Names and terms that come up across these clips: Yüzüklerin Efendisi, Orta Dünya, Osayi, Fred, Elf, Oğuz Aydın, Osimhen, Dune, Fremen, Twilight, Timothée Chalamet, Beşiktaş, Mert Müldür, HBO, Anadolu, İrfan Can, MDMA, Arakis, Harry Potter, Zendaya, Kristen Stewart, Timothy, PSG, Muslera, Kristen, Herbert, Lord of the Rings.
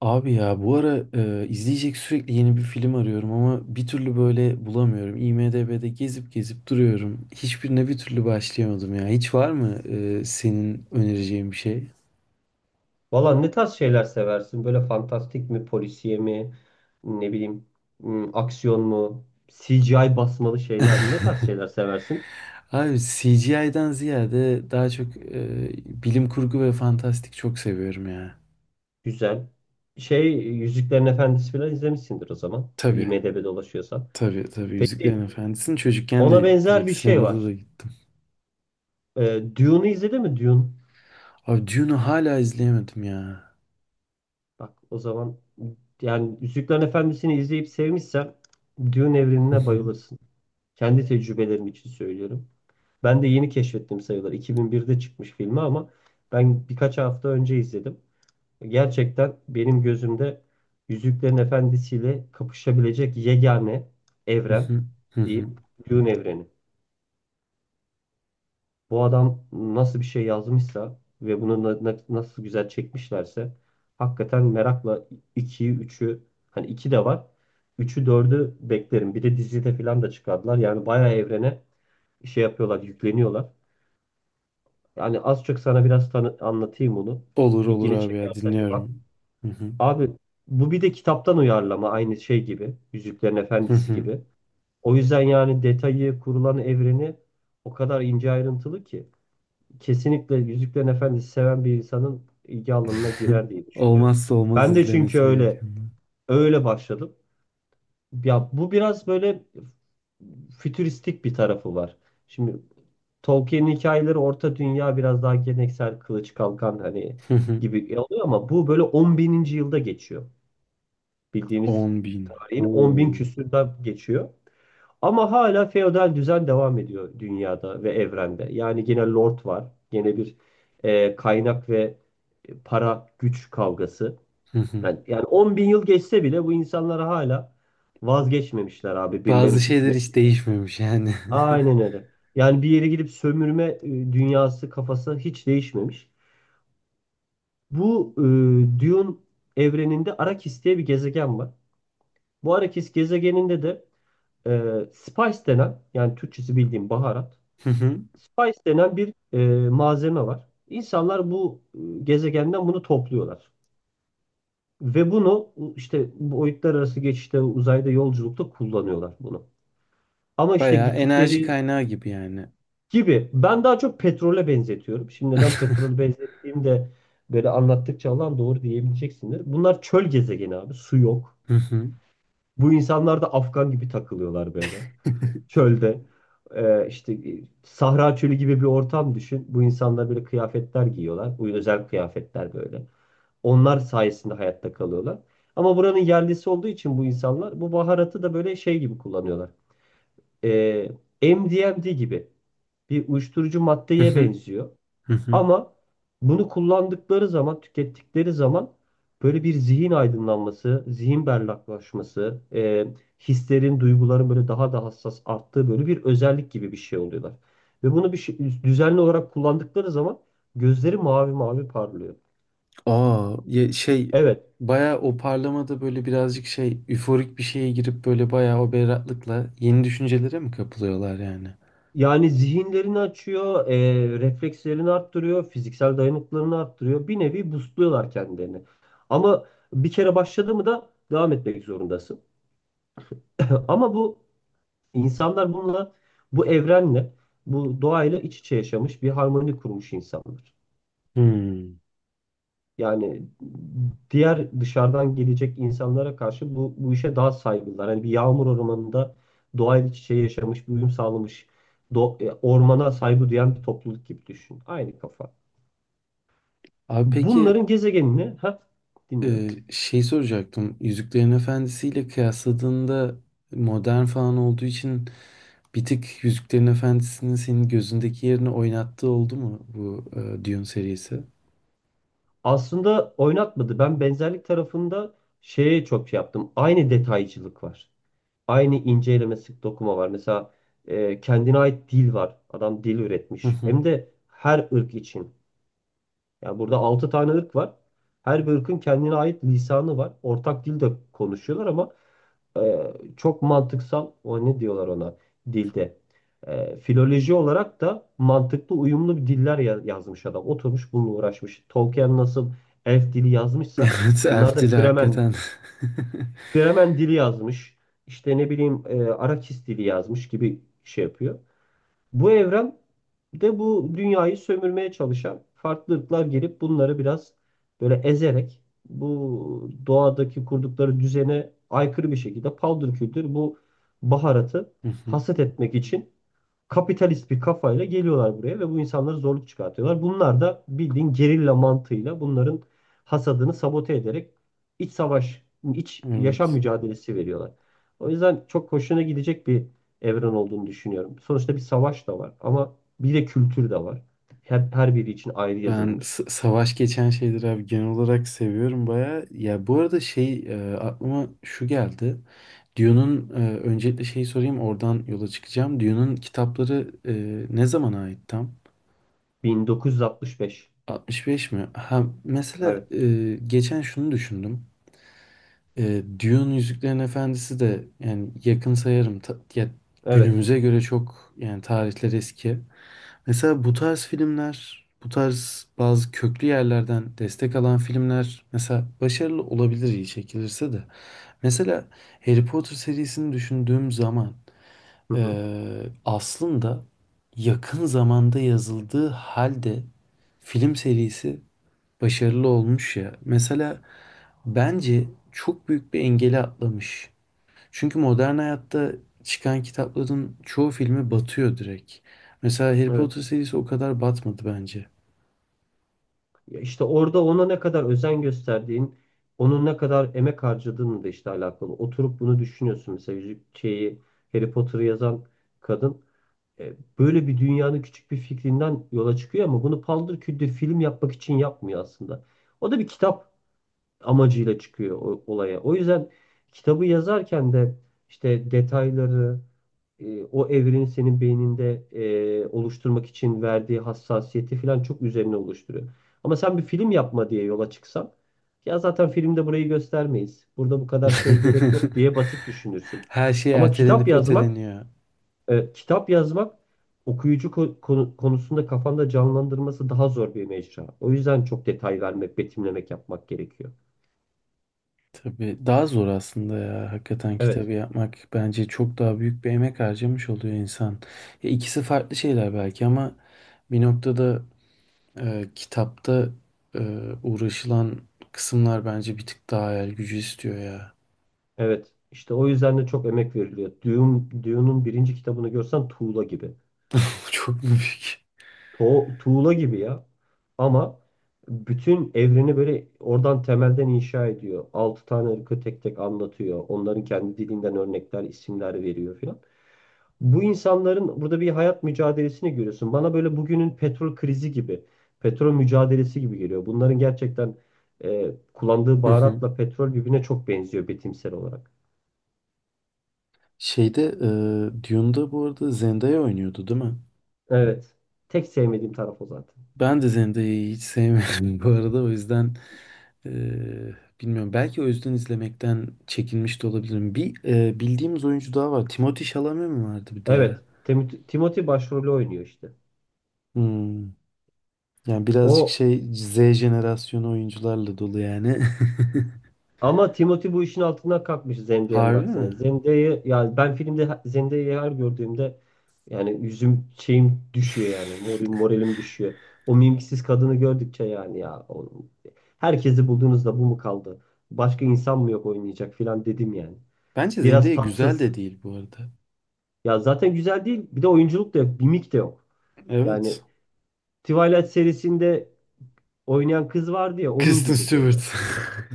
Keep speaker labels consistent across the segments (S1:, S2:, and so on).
S1: Abi ya bu ara izleyecek sürekli yeni bir film arıyorum ama bir türlü böyle bulamıyorum. IMDb'de gezip gezip duruyorum. Hiçbirine bir türlü başlayamadım ya. Hiç var mı senin önereceğin bir şey?
S2: Valla ne tarz şeyler seversin? Böyle fantastik mi, polisiye mi, ne bileyim, aksiyon mu, CGI basmalı şeyler mi? Ne tarz şeyler seversin?
S1: Abi CGI'den ziyade daha çok bilim kurgu ve fantastik çok seviyorum ya.
S2: Güzel. Şey, Yüzüklerin Efendisi falan izlemişsindir o zaman.
S1: Tabii,
S2: IMDb'de dolaşıyorsan.
S1: tabii. Yüzüklerin
S2: Peki,
S1: Efendisi'ni çocukken
S2: ona
S1: de
S2: benzer
S1: direkt
S2: bir şey
S1: sinemada da
S2: var.
S1: gittim.
S2: Dune'u izledin mi? Dune.
S1: Abi Dune'u hala izleyemedim ya.
S2: Bak o zaman yani Yüzüklerin Efendisi'ni izleyip sevmişsen Dune
S1: Hı
S2: evrenine
S1: hı,
S2: bayılırsın. Kendi tecrübelerim için söylüyorum. Ben de yeni keşfettim sayılır. 2001'de çıkmış filmi ama ben birkaç hafta önce izledim. Gerçekten benim gözümde Yüzüklerin Efendisi'yle kapışabilecek yegane
S1: hı
S2: evren
S1: hı, hı
S2: diyeyim,
S1: hı.
S2: Dune evreni. Bu adam nasıl bir şey yazmışsa ve bunu nasıl güzel çekmişlerse hakikaten merakla 2'yi üçü hani 2 de var. Üçü dördü beklerim. Bir de dizide falan da çıkardılar. Yani bayağı evrene şey yapıyorlar, yükleniyorlar. Yani az çok sana biraz tanı anlatayım onu.
S1: Olur olur
S2: İlgini
S1: abi ya
S2: çekerse bir bak.
S1: dinliyorum. Hı hı.
S2: Abi bu bir de kitaptan uyarlama aynı şey gibi. Yüzüklerin
S1: Hı
S2: Efendisi
S1: hı.
S2: gibi. O yüzden yani detayı, kurulan evreni o kadar ince ayrıntılı ki. Kesinlikle Yüzüklerin Efendisi seven bir insanın ilgi alanına girer diye düşünüyorum.
S1: Olmazsa olmaz
S2: Ben de çünkü
S1: izlemesi
S2: öyle
S1: gerekenler.
S2: öyle başladım. Ya bu biraz böyle fütüristik bir tarafı var. Şimdi Tolkien'in hikayeleri Orta Dünya biraz daha geleneksel kılıç kalkan hani
S1: Hı hı.
S2: gibi oluyor ama bu böyle 10 bininci yılda geçiyor. Bildiğimiz
S1: 10 bin.
S2: tarihin 10 bin
S1: Oo.
S2: küsürde geçiyor. Ama hala feodal düzen devam ediyor dünyada ve evrende. Yani gene lord var. Gene bir kaynak ve para güç kavgası.
S1: Hı hı.
S2: Yani 10 bin yıl geçse bile bu insanlar hala vazgeçmemişler abi
S1: Bazı
S2: birilerinin
S1: şeyler
S2: hükmü.
S1: hiç değişmemiş yani.
S2: Aynen öyle. Yani bir yere gidip sömürme dünyası kafası hiç değişmemiş. Bu Dune evreninde Arakis diye bir gezegen var. Bu Arakis gezegeninde de e, spice denen yani Türkçesi bildiğim baharat.
S1: Hı hı.
S2: Spice denen bir malzeme var. İnsanlar bu gezegenden bunu topluyorlar. Ve bunu işte boyutlar arası geçişte uzayda yolculukta kullanıyorlar bunu. Ama işte
S1: Bayağı enerji
S2: gittikleri
S1: kaynağı gibi yani.
S2: gibi. Ben daha çok petrole benzetiyorum. Şimdi neden petrol benzettiğimde böyle anlattıkça alan doğru diyebileceksindir. Bunlar çöl gezegeni abi. Su yok.
S1: Hı hı.
S2: Bu insanlar da Afgan gibi takılıyorlar böyle. Çölde. İşte Sahra çölü gibi bir ortam düşün. Bu insanlar böyle kıyafetler giyiyorlar. Bu özel kıyafetler böyle. Onlar sayesinde hayatta kalıyorlar. Ama buranın yerlisi olduğu için bu insanlar bu baharatı da böyle şey gibi kullanıyorlar. Ee, MDMA gibi bir uyuşturucu
S1: Hı
S2: maddeye
S1: hı.
S2: benziyor.
S1: Hı hı.
S2: Ama bunu kullandıkları zaman, tükettikleri zaman böyle bir zihin aydınlanması, zihin berraklaşması, hislerin, duyguların böyle daha da hassas arttığı böyle bir özellik gibi bir şey oluyorlar. Ve bunu bir şey, düzenli olarak kullandıkları zaman gözleri mavi mavi parlıyor.
S1: Aa, ya şey
S2: Evet,
S1: bayağı o parlamada böyle birazcık şey üforik bir şeye girip böyle bayağı o berraklıkla yeni düşüncelere mi kapılıyorlar yani?
S2: yani zihinlerini açıyor, reflekslerini arttırıyor, fiziksel dayanıklılığını arttırıyor. Bir nevi boostluyorlar kendilerini. Ama bir kere başladı mı da devam etmek zorundasın. Ama bu İnsanlar bununla, bu evrenle, bu doğayla iç içe yaşamış bir harmoni kurmuş insanlar.
S1: Hmm.
S2: Yani diğer dışarıdan gelecek insanlara karşı bu işe daha saygılılar. Hani bir yağmur ormanında doğayla iç içe yaşamış, bir uyum sağlamış, ormana saygı duyan bir topluluk gibi düşün. Aynı kafa.
S1: Abi peki
S2: Bunların gezegenini, ha dinliyorum.
S1: Şey soracaktım. Yüzüklerin Efendisi ile kıyasladığında modern falan olduğu için bir tık Yüzüklerin Efendisi'nin senin gözündeki yerini oynattığı oldu mu bu Dune serisi?
S2: Aslında oynatmadı. Ben benzerlik tarafında şeye çok şey yaptım. Aynı detaycılık var. Aynı ince eleme sık dokuma var. Mesela kendine ait dil var. Adam dil
S1: Hı
S2: üretmiş.
S1: hı.
S2: Hem de her ırk için. Yani burada 6 tane ırk var. Her bir ırkın kendine ait lisanı var. Ortak dil de konuşuyorlar ama çok mantıksal. O ne diyorlar ona dilde. Filoloji olarak da mantıklı uyumlu bir diller yazmış adam. Oturmuş bununla uğraşmış. Tolkien nasıl elf dili yazmışsa
S1: Evet,
S2: bunlar
S1: Elf
S2: da
S1: dili
S2: Fremen
S1: hakikaten.
S2: Fremen dili yazmış. İşte ne bileyim Arakis dili yazmış gibi şey yapıyor. Bu evren de bu dünyayı sömürmeye çalışan farklı ırklar gelip bunları biraz böyle ezerek bu doğadaki kurdukları düzene aykırı bir şekilde paldır küldür bu baharatı
S1: Hı hı.
S2: hasat etmek için kapitalist bir kafayla geliyorlar buraya ve bu insanlara zorluk çıkartıyorlar. Bunlar da bildiğin gerilla mantığıyla bunların hasadını sabote ederek iç savaş, iç yaşam
S1: Evet.
S2: mücadelesi veriyorlar. O yüzden çok hoşuna gidecek bir evren olduğunu düşünüyorum. Sonuçta bir savaş da var ama bir de kültür de var. Her biri için ayrı
S1: Ben
S2: yazılmış.
S1: savaş geçen şeyleri abi genel olarak seviyorum baya. Ya bu arada aklıma şu geldi. Dune'un öncelikle şeyi sorayım, oradan yola çıkacağım. Dune'un kitapları ne zamana ait tam?
S2: 1965.
S1: 65 mi? Ha, mesela
S2: Evet.
S1: geçen şunu düşündüm. E, Dune Yüzüklerin Efendisi de yani yakın sayarım.
S2: Evet.
S1: Günümüze göre çok yani tarihler eski. Mesela bu tarz filmler, bu tarz bazı köklü yerlerden destek alan filmler mesela başarılı olabilir iyi çekilirse de. Mesela Harry Potter serisini düşündüğüm zaman
S2: Hı
S1: e,
S2: hı.
S1: aslında yakın zamanda yazıldığı halde film serisi başarılı olmuş ya. Mesela bence çok büyük bir engeli atlamış. Çünkü modern hayatta çıkan kitapların çoğu filmi batıyor direkt. Mesela Harry Potter
S2: Evet.
S1: serisi o kadar batmadı bence.
S2: Ya İşte orada ona ne kadar özen gösterdiğin, onun ne kadar emek harcadığınla da işte alakalı. Oturup bunu düşünüyorsun. Mesela yüzük şeyi Harry Potter'ı yazan kadın e, böyle bir dünyanın küçük bir fikrinden yola çıkıyor ama bunu paldır küldür film yapmak için yapmıyor aslında. O da bir kitap amacıyla çıkıyor olaya. O yüzden kitabı yazarken de işte detayları, o evrenin senin beyninde oluşturmak için verdiği hassasiyeti falan çok üzerine oluşturuyor. Ama sen bir film yapma diye yola çıksan, ya zaten filmde burayı göstermeyiz. Burada bu kadar şeye gerek yok diye basit düşünürsün.
S1: Her şey
S2: Ama kitap
S1: ertelenip
S2: yazmak,
S1: öteleniyor.
S2: kitap yazmak okuyucu konusunda kafanda canlandırması daha zor bir mecra. O yüzden çok detay vermek, betimlemek yapmak gerekiyor.
S1: Tabii daha zor aslında ya. Hakikaten
S2: Evet.
S1: kitabı yapmak bence çok daha büyük bir emek harcamış oluyor insan. Ya ikisi farklı şeyler belki ama bir noktada kitapta e, uğraşılan kısımlar bence bir tık daha hayal gücü istiyor ya.
S2: Evet, işte o yüzden de çok emek veriliyor. Dune'un birinci kitabını görsen tuğla gibi.
S1: Çok mu büyük?
S2: Tuğla gibi ya. Ama bütün evreni böyle oradan temelden inşa ediyor. Altı tane ırkı tek tek anlatıyor. Onların kendi dilinden örnekler, isimler veriyor filan. Bu insanların burada bir hayat mücadelesini görüyorsun. Bana böyle bugünün petrol krizi gibi, petrol mücadelesi gibi geliyor. Bunların gerçekten kullandığı
S1: Hı hı.
S2: baharatla petrol birbirine çok benziyor betimsel olarak.
S1: Şeyde e, Dune'da bu arada Zendaya oynuyordu değil mi?
S2: Evet. Tek sevmediğim taraf o zaten.
S1: Ben de Zendaya'yı hiç sevmiyorum bu arada o yüzden e, bilmiyorum. Belki o yüzden izlemekten çekinmiş de olabilirim. Bir bildiğimiz oyuncu daha var. Timothée Chalamet mi vardı bir de
S2: Evet.
S1: ya?
S2: Timothy başrolü oynuyor işte.
S1: Hmm. Yani birazcık
S2: O
S1: şey Z jenerasyonu oyuncularla dolu yani.
S2: ama Timothy bu işin altından kalkmış Zendaya'nın
S1: Harbi mi?
S2: aksine. Zendaya yani ben filmde Zendaya'yı her gördüğümde yani yüzüm şeyim düşüyor yani. Moralim düşüyor. O mimsiz kadını gördükçe yani ya o, herkesi bulduğunuzda bu mu kaldı? Başka insan mı yok oynayacak filan dedim yani.
S1: Bence
S2: Biraz
S1: Zendaya güzel
S2: tatsız.
S1: de değil bu arada.
S2: Ya zaten güzel değil. Bir de oyunculuk da yok. Mimik de yok. Yani
S1: Evet.
S2: Twilight serisinde oynayan kız vardı ya onun
S1: Kristen
S2: gibi böyle.
S1: Stewart.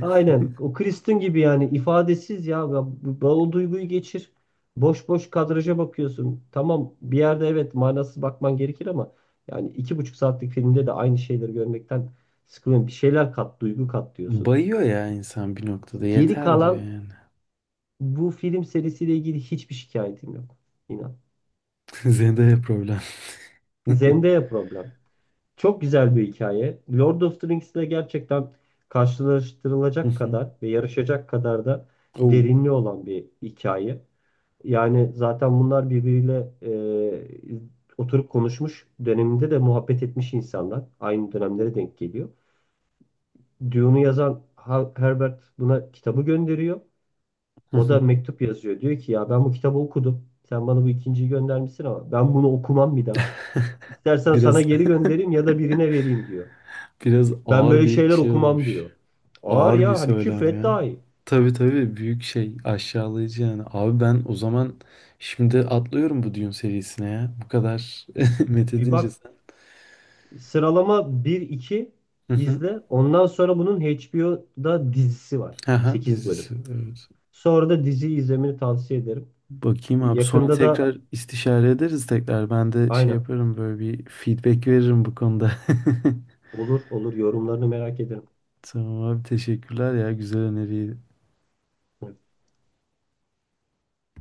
S2: Aynen o Kristen gibi yani ifadesiz ya. Ya o duyguyu geçir. Boş boş kadraja bakıyorsun. Tamam bir yerde evet manasız bakman gerekir ama yani 2,5 saatlik filmde de aynı şeyleri görmekten sıkılıyorum. Bir şeyler kat, duygu kat diyorsun.
S1: Bayıyor ya insan bir noktada.
S2: Geri
S1: Yeter diyor
S2: kalan
S1: yani.
S2: bu film serisiyle ilgili hiçbir şikayetim yok. İnan.
S1: Zendaya problem.
S2: Zendaya problem. Çok güzel bir hikaye. Lord of the Rings ile gerçekten karşılaştırılacak kadar ve yarışacak kadar da
S1: Oh.
S2: derinliği olan bir hikaye. Yani zaten bunlar birbiriyle oturup konuşmuş döneminde de muhabbet etmiş insanlar. Aynı dönemlere denk geliyor. Dune'u yazan Herbert buna kitabı gönderiyor. O da mektup yazıyor. Diyor ki ya ben bu kitabı okudum. Sen bana bu ikinciyi göndermişsin ama ben bunu okumam bir daha. İstersen
S1: Biraz
S2: sana geri göndereyim ya da birine vereyim diyor.
S1: biraz
S2: Ben
S1: ağır
S2: böyle
S1: bir
S2: şeyler
S1: şey
S2: okumam
S1: olmuş.
S2: diyor. Ağır
S1: Ağır bir
S2: ya hani
S1: söylem
S2: küfret
S1: ya.
S2: daha iyi.
S1: Tabii tabii büyük şey aşağılayıcı yani. Abi ben o zaman şimdi atlıyorum bu Dune serisine ya. Bu kadar
S2: Bir
S1: methedince
S2: bak
S1: sen.
S2: sıralama bir iki
S1: Hı hı.
S2: izle. Ondan sonra bunun HBO'da dizisi var.
S1: Haha,
S2: Sekiz bölüm.
S1: dizisi. Evet.
S2: Sonra da diziyi izlemeni tavsiye ederim.
S1: Bakayım abi sonra
S2: Yakında da
S1: tekrar istişare ederiz tekrar. Ben de şey
S2: aynen
S1: yaparım, böyle bir feedback veririm bu konuda.
S2: olur olur yorumlarını merak ederim.
S1: Tamam abi, teşekkürler ya güzel öneriyi.